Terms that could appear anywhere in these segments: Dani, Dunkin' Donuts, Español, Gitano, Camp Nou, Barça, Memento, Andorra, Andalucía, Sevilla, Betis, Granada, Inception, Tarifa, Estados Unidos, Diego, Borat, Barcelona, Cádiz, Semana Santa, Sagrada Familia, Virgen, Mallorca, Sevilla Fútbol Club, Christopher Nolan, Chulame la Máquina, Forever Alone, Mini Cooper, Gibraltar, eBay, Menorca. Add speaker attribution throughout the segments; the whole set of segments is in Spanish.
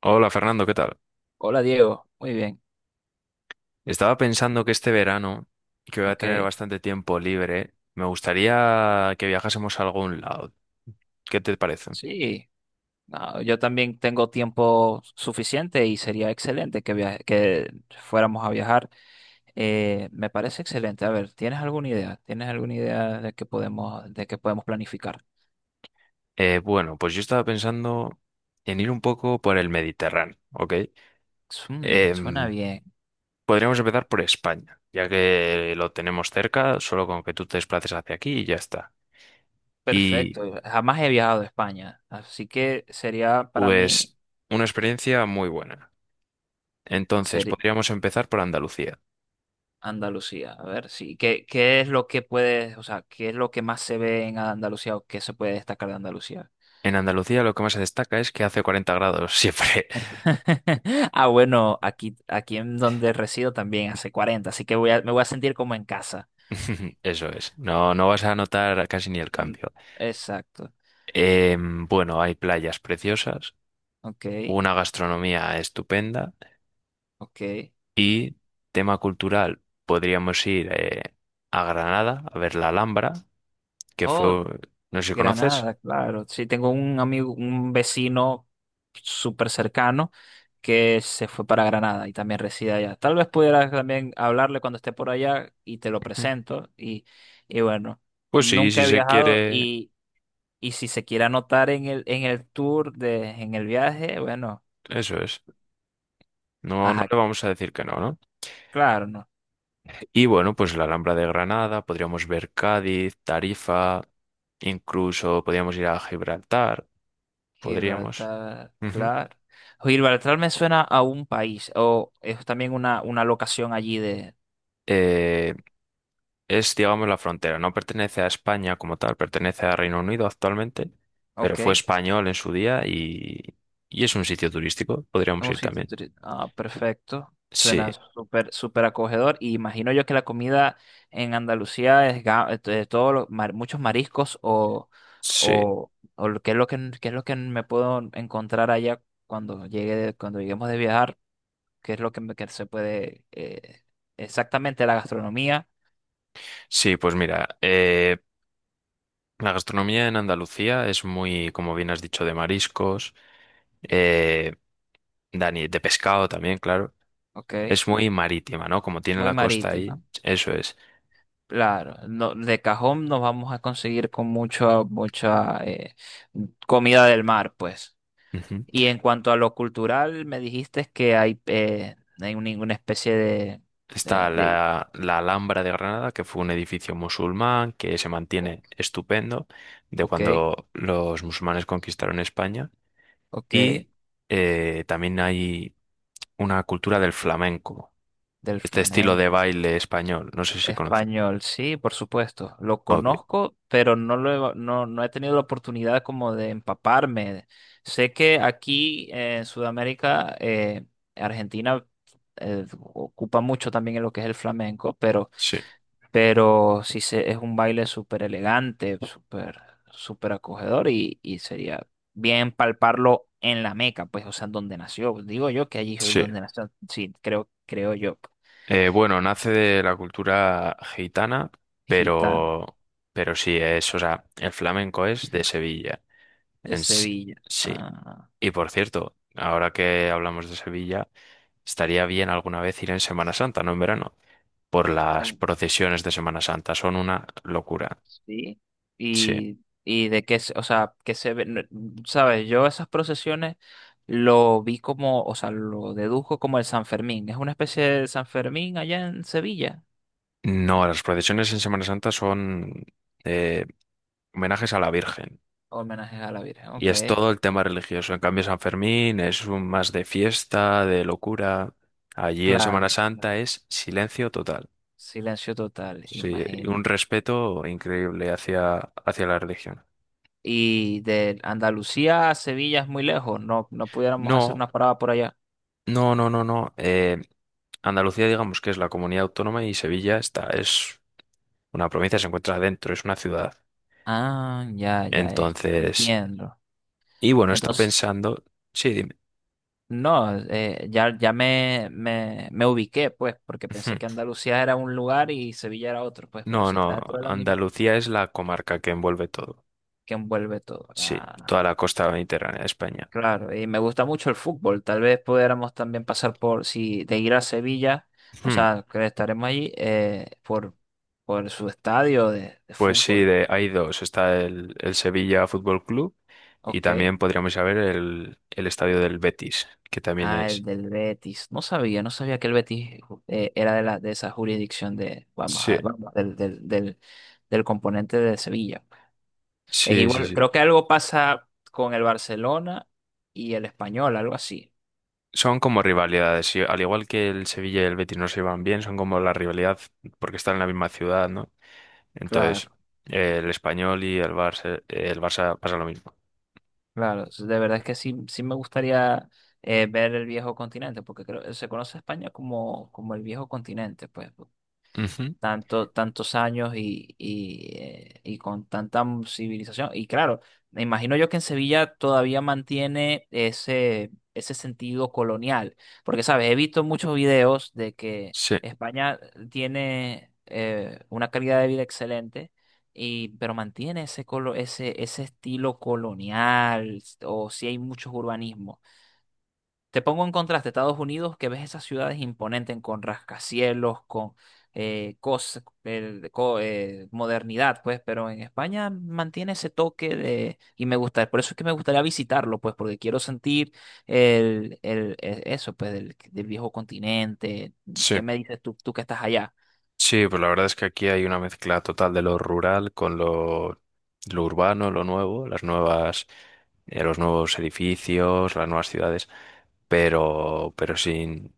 Speaker 1: Hola Fernando, ¿qué tal?
Speaker 2: Hola Diego, muy bien,
Speaker 1: Estaba pensando que este verano, que voy a tener
Speaker 2: ok.
Speaker 1: bastante tiempo libre, me gustaría que viajásemos a algún lado. ¿Qué te parece?
Speaker 2: Sí, no, yo también tengo tiempo suficiente y sería excelente que fuéramos a viajar. Me parece excelente. A ver, ¿tienes alguna idea? ¿Tienes alguna idea de que podemos planificar?
Speaker 1: Bueno, pues yo estaba pensando en ir un poco por el Mediterráneo, ¿ok?
Speaker 2: Suena
Speaker 1: Em,
Speaker 2: bien,
Speaker 1: Podríamos empezar por España, ya que lo tenemos cerca, solo con que tú te desplaces hacia aquí y ya está. Y
Speaker 2: perfecto. Jamás he viajado a España, así que sería para mí
Speaker 1: pues una experiencia muy buena. Entonces,
Speaker 2: ser
Speaker 1: podríamos empezar por Andalucía.
Speaker 2: Andalucía. A ver, sí, ¿qué es lo que puedes, o sea, qué es lo que más se ve en Andalucía o qué se puede destacar de Andalucía?
Speaker 1: En Andalucía lo que más se destaca es que hace 40 grados siempre.
Speaker 2: Ah, bueno, aquí en donde resido también hace 40, así que me voy a sentir como en casa.
Speaker 1: Eso es, no, no vas a notar casi ni el
Speaker 2: Mm,
Speaker 1: cambio.
Speaker 2: exacto.
Speaker 1: Hay playas preciosas,
Speaker 2: Ok,
Speaker 1: una gastronomía estupenda
Speaker 2: ok.
Speaker 1: y tema cultural, podríamos ir a Granada a ver la Alhambra, que fue,
Speaker 2: Oh,
Speaker 1: no sé si conoces.
Speaker 2: Granada, claro. Sí, tengo un amigo, un vecino súper cercano que se fue para Granada y también reside allá. Tal vez pudieras también hablarle cuando esté por allá y te lo
Speaker 1: Ujú.
Speaker 2: presento. Y bueno,
Speaker 1: Pues sí,
Speaker 2: nunca
Speaker 1: si
Speaker 2: he
Speaker 1: se
Speaker 2: viajado
Speaker 1: quiere,
Speaker 2: y si se quiere anotar en el tour de, en el viaje, bueno.
Speaker 1: eso es. No, no
Speaker 2: Ajá,
Speaker 1: le vamos a decir que no, ¿no?
Speaker 2: claro, no.
Speaker 1: Y bueno, pues la Alhambra de Granada, podríamos ver Cádiz, Tarifa, incluso podríamos ir a Gibraltar, podríamos.
Speaker 2: Gibraltar,
Speaker 1: Ujú.
Speaker 2: claro. Gibraltar me suena a un país, o es también una locación allí de.
Speaker 1: Eh, Es, digamos, la frontera. No pertenece a España como tal, pertenece a Reino Unido actualmente, pero
Speaker 2: Ok,
Speaker 1: fue
Speaker 2: es
Speaker 1: español en su día y es un sitio turístico. Podríamos
Speaker 2: un
Speaker 1: ir
Speaker 2: sitio.
Speaker 1: también.
Speaker 2: Ah, perfecto.
Speaker 1: Sí,
Speaker 2: Suena súper, súper acogedor. Y imagino yo que la comida en Andalucía es de todo muchos mariscos
Speaker 1: sí,
Speaker 2: qué es lo que, me puedo encontrar allá cuando llegue, cuando lleguemos de viajar, qué es lo que, que se puede. Exactamente la gastronomía.
Speaker 1: sí, pues mira, la gastronomía en Andalucía es muy, como bien has dicho, de mariscos, eh, Dani, de pescado también, claro.
Speaker 2: Ok.
Speaker 1: Es muy marítima, ¿no? Como tiene
Speaker 2: Muy
Speaker 1: la costa
Speaker 2: marítima,
Speaker 1: ahí, eso es.
Speaker 2: claro. No, de cajón nos vamos a conseguir con mucha, mucha comida del mar, pues.
Speaker 1: Ujú.
Speaker 2: Y en cuanto a lo cultural, me dijiste que no hay ninguna especie de,
Speaker 1: Está
Speaker 2: de, de-
Speaker 1: la Alhambra de Granada, que fue un edificio musulmán que se
Speaker 2: o-
Speaker 1: mantiene estupendo de
Speaker 2: ok,
Speaker 1: cuando los musulmanes conquistaron España.
Speaker 2: ok,
Speaker 1: Y también hay una cultura del flamenco,
Speaker 2: del
Speaker 1: este estilo de
Speaker 2: flamenco.
Speaker 1: baile español. No sé si conoce.
Speaker 2: Español, sí, por supuesto. Lo
Speaker 1: Ok,
Speaker 2: conozco, pero no he tenido la oportunidad como de empaparme. Sé que aquí en Sudamérica, Argentina ocupa mucho también en lo que es el flamenco, pero,
Speaker 1: sí,
Speaker 2: pero sí, es un baile súper elegante, súper, súper acogedor y sería bien palparlo en la Meca, pues, o sea, donde nació. Digo yo que allí es
Speaker 1: sí.
Speaker 2: donde nació. Sí, creo, creo yo.
Speaker 1: Bueno, nace de la cultura gitana,
Speaker 2: Gitano
Speaker 1: pero, pero sí es, o sea, el flamenco es de Sevilla.
Speaker 2: de
Speaker 1: En,
Speaker 2: Sevilla.
Speaker 1: sí.
Speaker 2: Ah.
Speaker 1: Y por cierto, ahora que hablamos de Sevilla, estaría bien alguna vez ir en Semana Santa, no en verano, por las
Speaker 2: Oh,
Speaker 1: procesiones de Semana Santa. Son una locura.
Speaker 2: sí.
Speaker 1: Sí.
Speaker 2: Y de qué, o sea, que se ve, sabes, yo esas procesiones lo vi como, o sea, lo deduzco como el San Fermín. Es una especie de San Fermín allá en Sevilla.
Speaker 1: No, las procesiones en Semana Santa son eh, homenajes a la Virgen.
Speaker 2: Homenaje a la Virgen,
Speaker 1: Y
Speaker 2: ok.
Speaker 1: es todo el tema religioso. En cambio, San Fermín es un más de fiesta, de locura. Allí en Semana
Speaker 2: Claro, claro.
Speaker 1: Santa es silencio total.
Speaker 2: Silencio total,
Speaker 1: Sí, y
Speaker 2: imagina.
Speaker 1: un respeto increíble hacia, hacia la religión.
Speaker 2: Y de Andalucía a Sevilla es muy lejos, no, no pudiéramos hacer
Speaker 1: No.
Speaker 2: una parada por allá.
Speaker 1: No, no, no, no. Andalucía, digamos que es la comunidad autónoma y Sevilla está, es una provincia, se encuentra dentro, es una ciudad.
Speaker 2: Ah, ya,
Speaker 1: Entonces,
Speaker 2: entiendo.
Speaker 1: y bueno, estoy
Speaker 2: Entonces,
Speaker 1: pensando, sí, dime.
Speaker 2: no, ya me ubiqué, pues, porque pensé que Andalucía era un lugar y Sevilla era otro, pues, pero
Speaker 1: No,
Speaker 2: si está
Speaker 1: no,
Speaker 2: dentro de la misma,
Speaker 1: Andalucía es la comarca que envuelve todo.
Speaker 2: que envuelve todo.
Speaker 1: Sí,
Speaker 2: Ah,
Speaker 1: toda la costa mediterránea de España.
Speaker 2: claro, y me gusta mucho el fútbol. Tal vez pudiéramos también pasar por, si de ir a Sevilla, o
Speaker 1: Hmm,
Speaker 2: sea, que estaremos allí, por su estadio de
Speaker 1: Pues sí,
Speaker 2: fútbol.
Speaker 1: de, hay dos. Está el Sevilla Fútbol Club y
Speaker 2: Ok.
Speaker 1: también podríamos saber el estadio del Betis, que también
Speaker 2: Ah, el
Speaker 1: es.
Speaker 2: del Betis. No sabía que el Betis era de esa jurisdicción de, vamos,
Speaker 1: Sí,
Speaker 2: a- vamos, del, del, del, del componente de Sevilla. Es
Speaker 1: sí, sí,
Speaker 2: igual,
Speaker 1: sí.
Speaker 2: creo que algo pasa con el Barcelona y el Español, algo así.
Speaker 1: Son como rivalidades, y al igual que el Sevilla y el Betis no se llevan bien, son como la rivalidad porque están en la misma ciudad, ¿no? Entonces,
Speaker 2: Claro,
Speaker 1: el Español y el Barça pasa lo mismo.
Speaker 2: claro. De verdad es que sí, sí me gustaría ver el viejo continente, porque creo, se conoce a España como, como el viejo continente, pues,
Speaker 1: Ujú.
Speaker 2: tanto, tantos años y con tanta civilización. Y claro, me imagino yo que en Sevilla todavía mantiene ese sentido colonial, porque, ¿sabes? He visto muchos videos de que
Speaker 1: Sí,
Speaker 2: España tiene una calidad de vida excelente. Y, pero mantiene ese estilo colonial, o si hay muchos urbanismos. Te pongo en contraste Estados Unidos, que ves esas ciudades imponentes con rascacielos, con modernidad, pues, pero en España mantiene ese toque de. Y me gusta, por eso es que me gustaría visitarlo, pues, porque quiero sentir eso, pues, del viejo continente. ¿Qué
Speaker 1: sí,
Speaker 2: me dices tú que estás allá?
Speaker 1: sí, pues la verdad es que aquí hay una mezcla total de lo rural con lo urbano, lo nuevo, las nuevas, los nuevos edificios, las nuevas ciudades, pero, pero sin,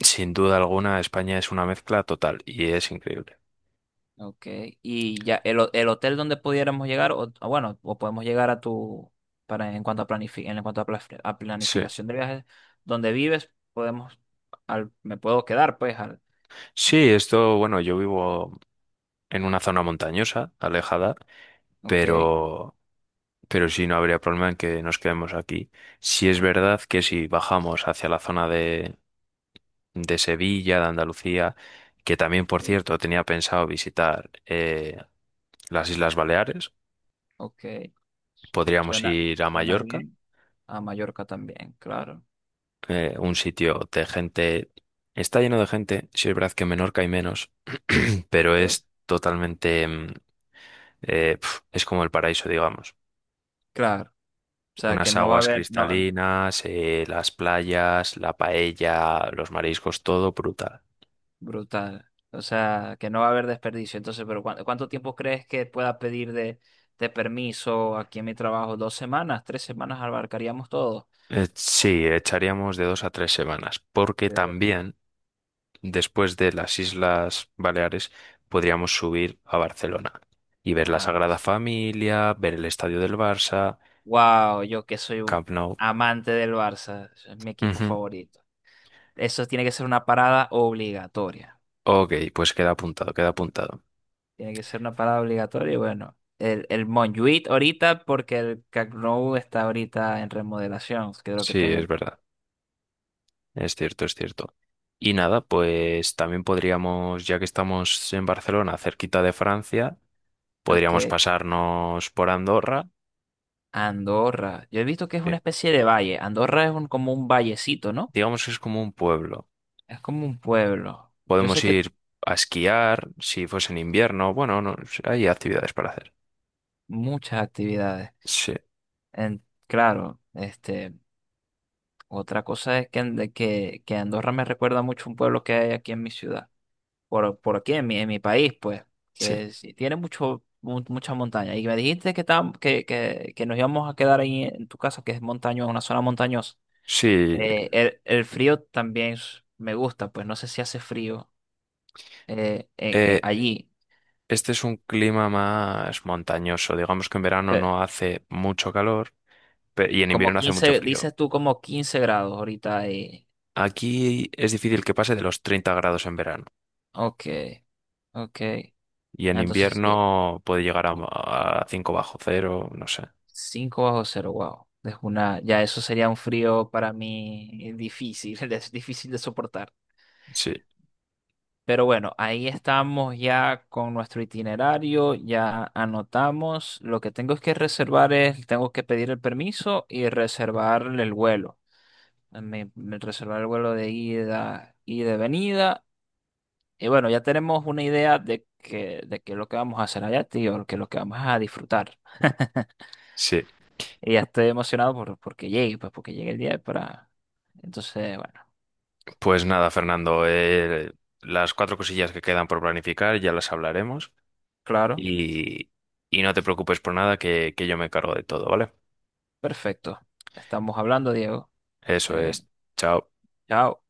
Speaker 1: sin duda alguna España es una mezcla total y es increíble.
Speaker 2: Ok, y ya el hotel donde pudiéramos llegar, o o podemos llegar a tu, para en cuanto a a
Speaker 1: Sí.
Speaker 2: planificación de viajes, donde vives, podemos, al, me puedo quedar, pues, al,
Speaker 1: Sí, esto, bueno, yo vivo en una zona montañosa, alejada,
Speaker 2: ok,
Speaker 1: pero, pero sí no habría problema en que nos quedemos aquí. Si es verdad que si bajamos hacia la zona de Sevilla, de Andalucía, que también,
Speaker 2: ok,
Speaker 1: por cierto, tenía pensado visitar las Islas Baleares,
Speaker 2: ok,
Speaker 1: podríamos
Speaker 2: suena,
Speaker 1: ir a
Speaker 2: suena
Speaker 1: Mallorca,
Speaker 2: bien, a Mallorca también, claro,
Speaker 1: un sitio de gente, está lleno de gente, sí es verdad que en Menorca hay menos, pero
Speaker 2: ok,
Speaker 1: es totalmente, es como el paraíso, digamos.
Speaker 2: claro, o sea que
Speaker 1: Unas
Speaker 2: no va a
Speaker 1: aguas
Speaker 2: haber, no,
Speaker 1: cristalinas, las playas, la paella, los mariscos, todo brutal.
Speaker 2: brutal. O sea, que no va a haber desperdicio. Entonces, pero ¿cuánto tiempo crees que pueda pedir de, permiso aquí en mi trabajo? ¿2 semanas? ¿3 semanas abarcaríamos todo?
Speaker 1: Sí, echaríamos de 2 a 3 semanas, porque
Speaker 2: Pero.
Speaker 1: también después de las Islas Baleares podríamos subir a Barcelona y ver la
Speaker 2: Ah,
Speaker 1: Sagrada Familia, ver el estadio del Barça,
Speaker 2: wow, yo que soy un
Speaker 1: Camp Nou.
Speaker 2: amante del Barça, es mi equipo
Speaker 1: Ujú.
Speaker 2: favorito. Eso tiene que ser una parada obligatoria.
Speaker 1: Ok, pues queda apuntado, queda apuntado.
Speaker 2: Tiene que ser una parada obligatoria y bueno, el Montjuïc ahorita porque el Camp Nou está ahorita en remodelación, creo que
Speaker 1: Sí, es
Speaker 2: tengan.
Speaker 1: verdad, es cierto, es cierto. Y nada, pues también podríamos, ya que estamos en Barcelona, cerquita de Francia,
Speaker 2: Ok.
Speaker 1: podríamos pasarnos por Andorra,
Speaker 2: Andorra. Yo he visto que es una
Speaker 1: que
Speaker 2: especie de valle. Andorra es un, como un vallecito, ¿no?
Speaker 1: digamos que es como un pueblo.
Speaker 2: Es como un pueblo. Yo
Speaker 1: Podemos
Speaker 2: sé que
Speaker 1: ir a esquiar si fuese en invierno. Bueno, no, hay actividades para hacer.
Speaker 2: muchas actividades.
Speaker 1: Sí,
Speaker 2: Claro, este, otra cosa es que, que Andorra me recuerda mucho a un pueblo que hay aquí en mi ciudad. Por aquí, en mi país, pues,
Speaker 1: sí.
Speaker 2: que sí, tiene mucha montaña. Y me dijiste que nos íbamos a quedar ahí en tu casa, que es montañosa, una zona montañosa.
Speaker 1: Sí,
Speaker 2: El frío también me gusta, pues no sé si hace frío.
Speaker 1: eh,
Speaker 2: Allí.
Speaker 1: este es un clima más montañoso. Digamos que en verano
Speaker 2: Eh,
Speaker 1: no hace mucho calor y en
Speaker 2: Como
Speaker 1: invierno hace mucho
Speaker 2: 15
Speaker 1: frío.
Speaker 2: dices tú como 15 grados ahorita ahí.
Speaker 1: Aquí es difícil que pase de los 30 grados en verano
Speaker 2: Ok, ok.
Speaker 1: y en
Speaker 2: Ah, entonces,
Speaker 1: invierno puede llegar a 5 bajo cero, no sé.
Speaker 2: 5 bajo cero, wow. Ya eso sería un frío para mí difícil, es difícil de soportar.
Speaker 1: Sí,
Speaker 2: Pero bueno, ahí estamos ya con nuestro itinerario, ya anotamos. Lo que tengo es que reservar tengo que pedir el permiso y reservar el vuelo. Reservar el vuelo de ida y de venida. Y bueno, ya tenemos una idea de qué es lo que vamos a hacer allá, tío, que es lo que vamos a disfrutar.
Speaker 1: sí.
Speaker 2: Y ya estoy emocionado porque llegue, pues porque llegue el día para. Entonces, bueno,
Speaker 1: Pues nada, Fernando, las cuatro cosillas que quedan por planificar ya las hablaremos
Speaker 2: claro,
Speaker 1: y, y no te preocupes por nada que, que yo me encargo de todo, ¿vale?
Speaker 2: perfecto. Estamos hablando, Diego.
Speaker 1: Eso
Speaker 2: Eh,
Speaker 1: es. Chao.
Speaker 2: Chao.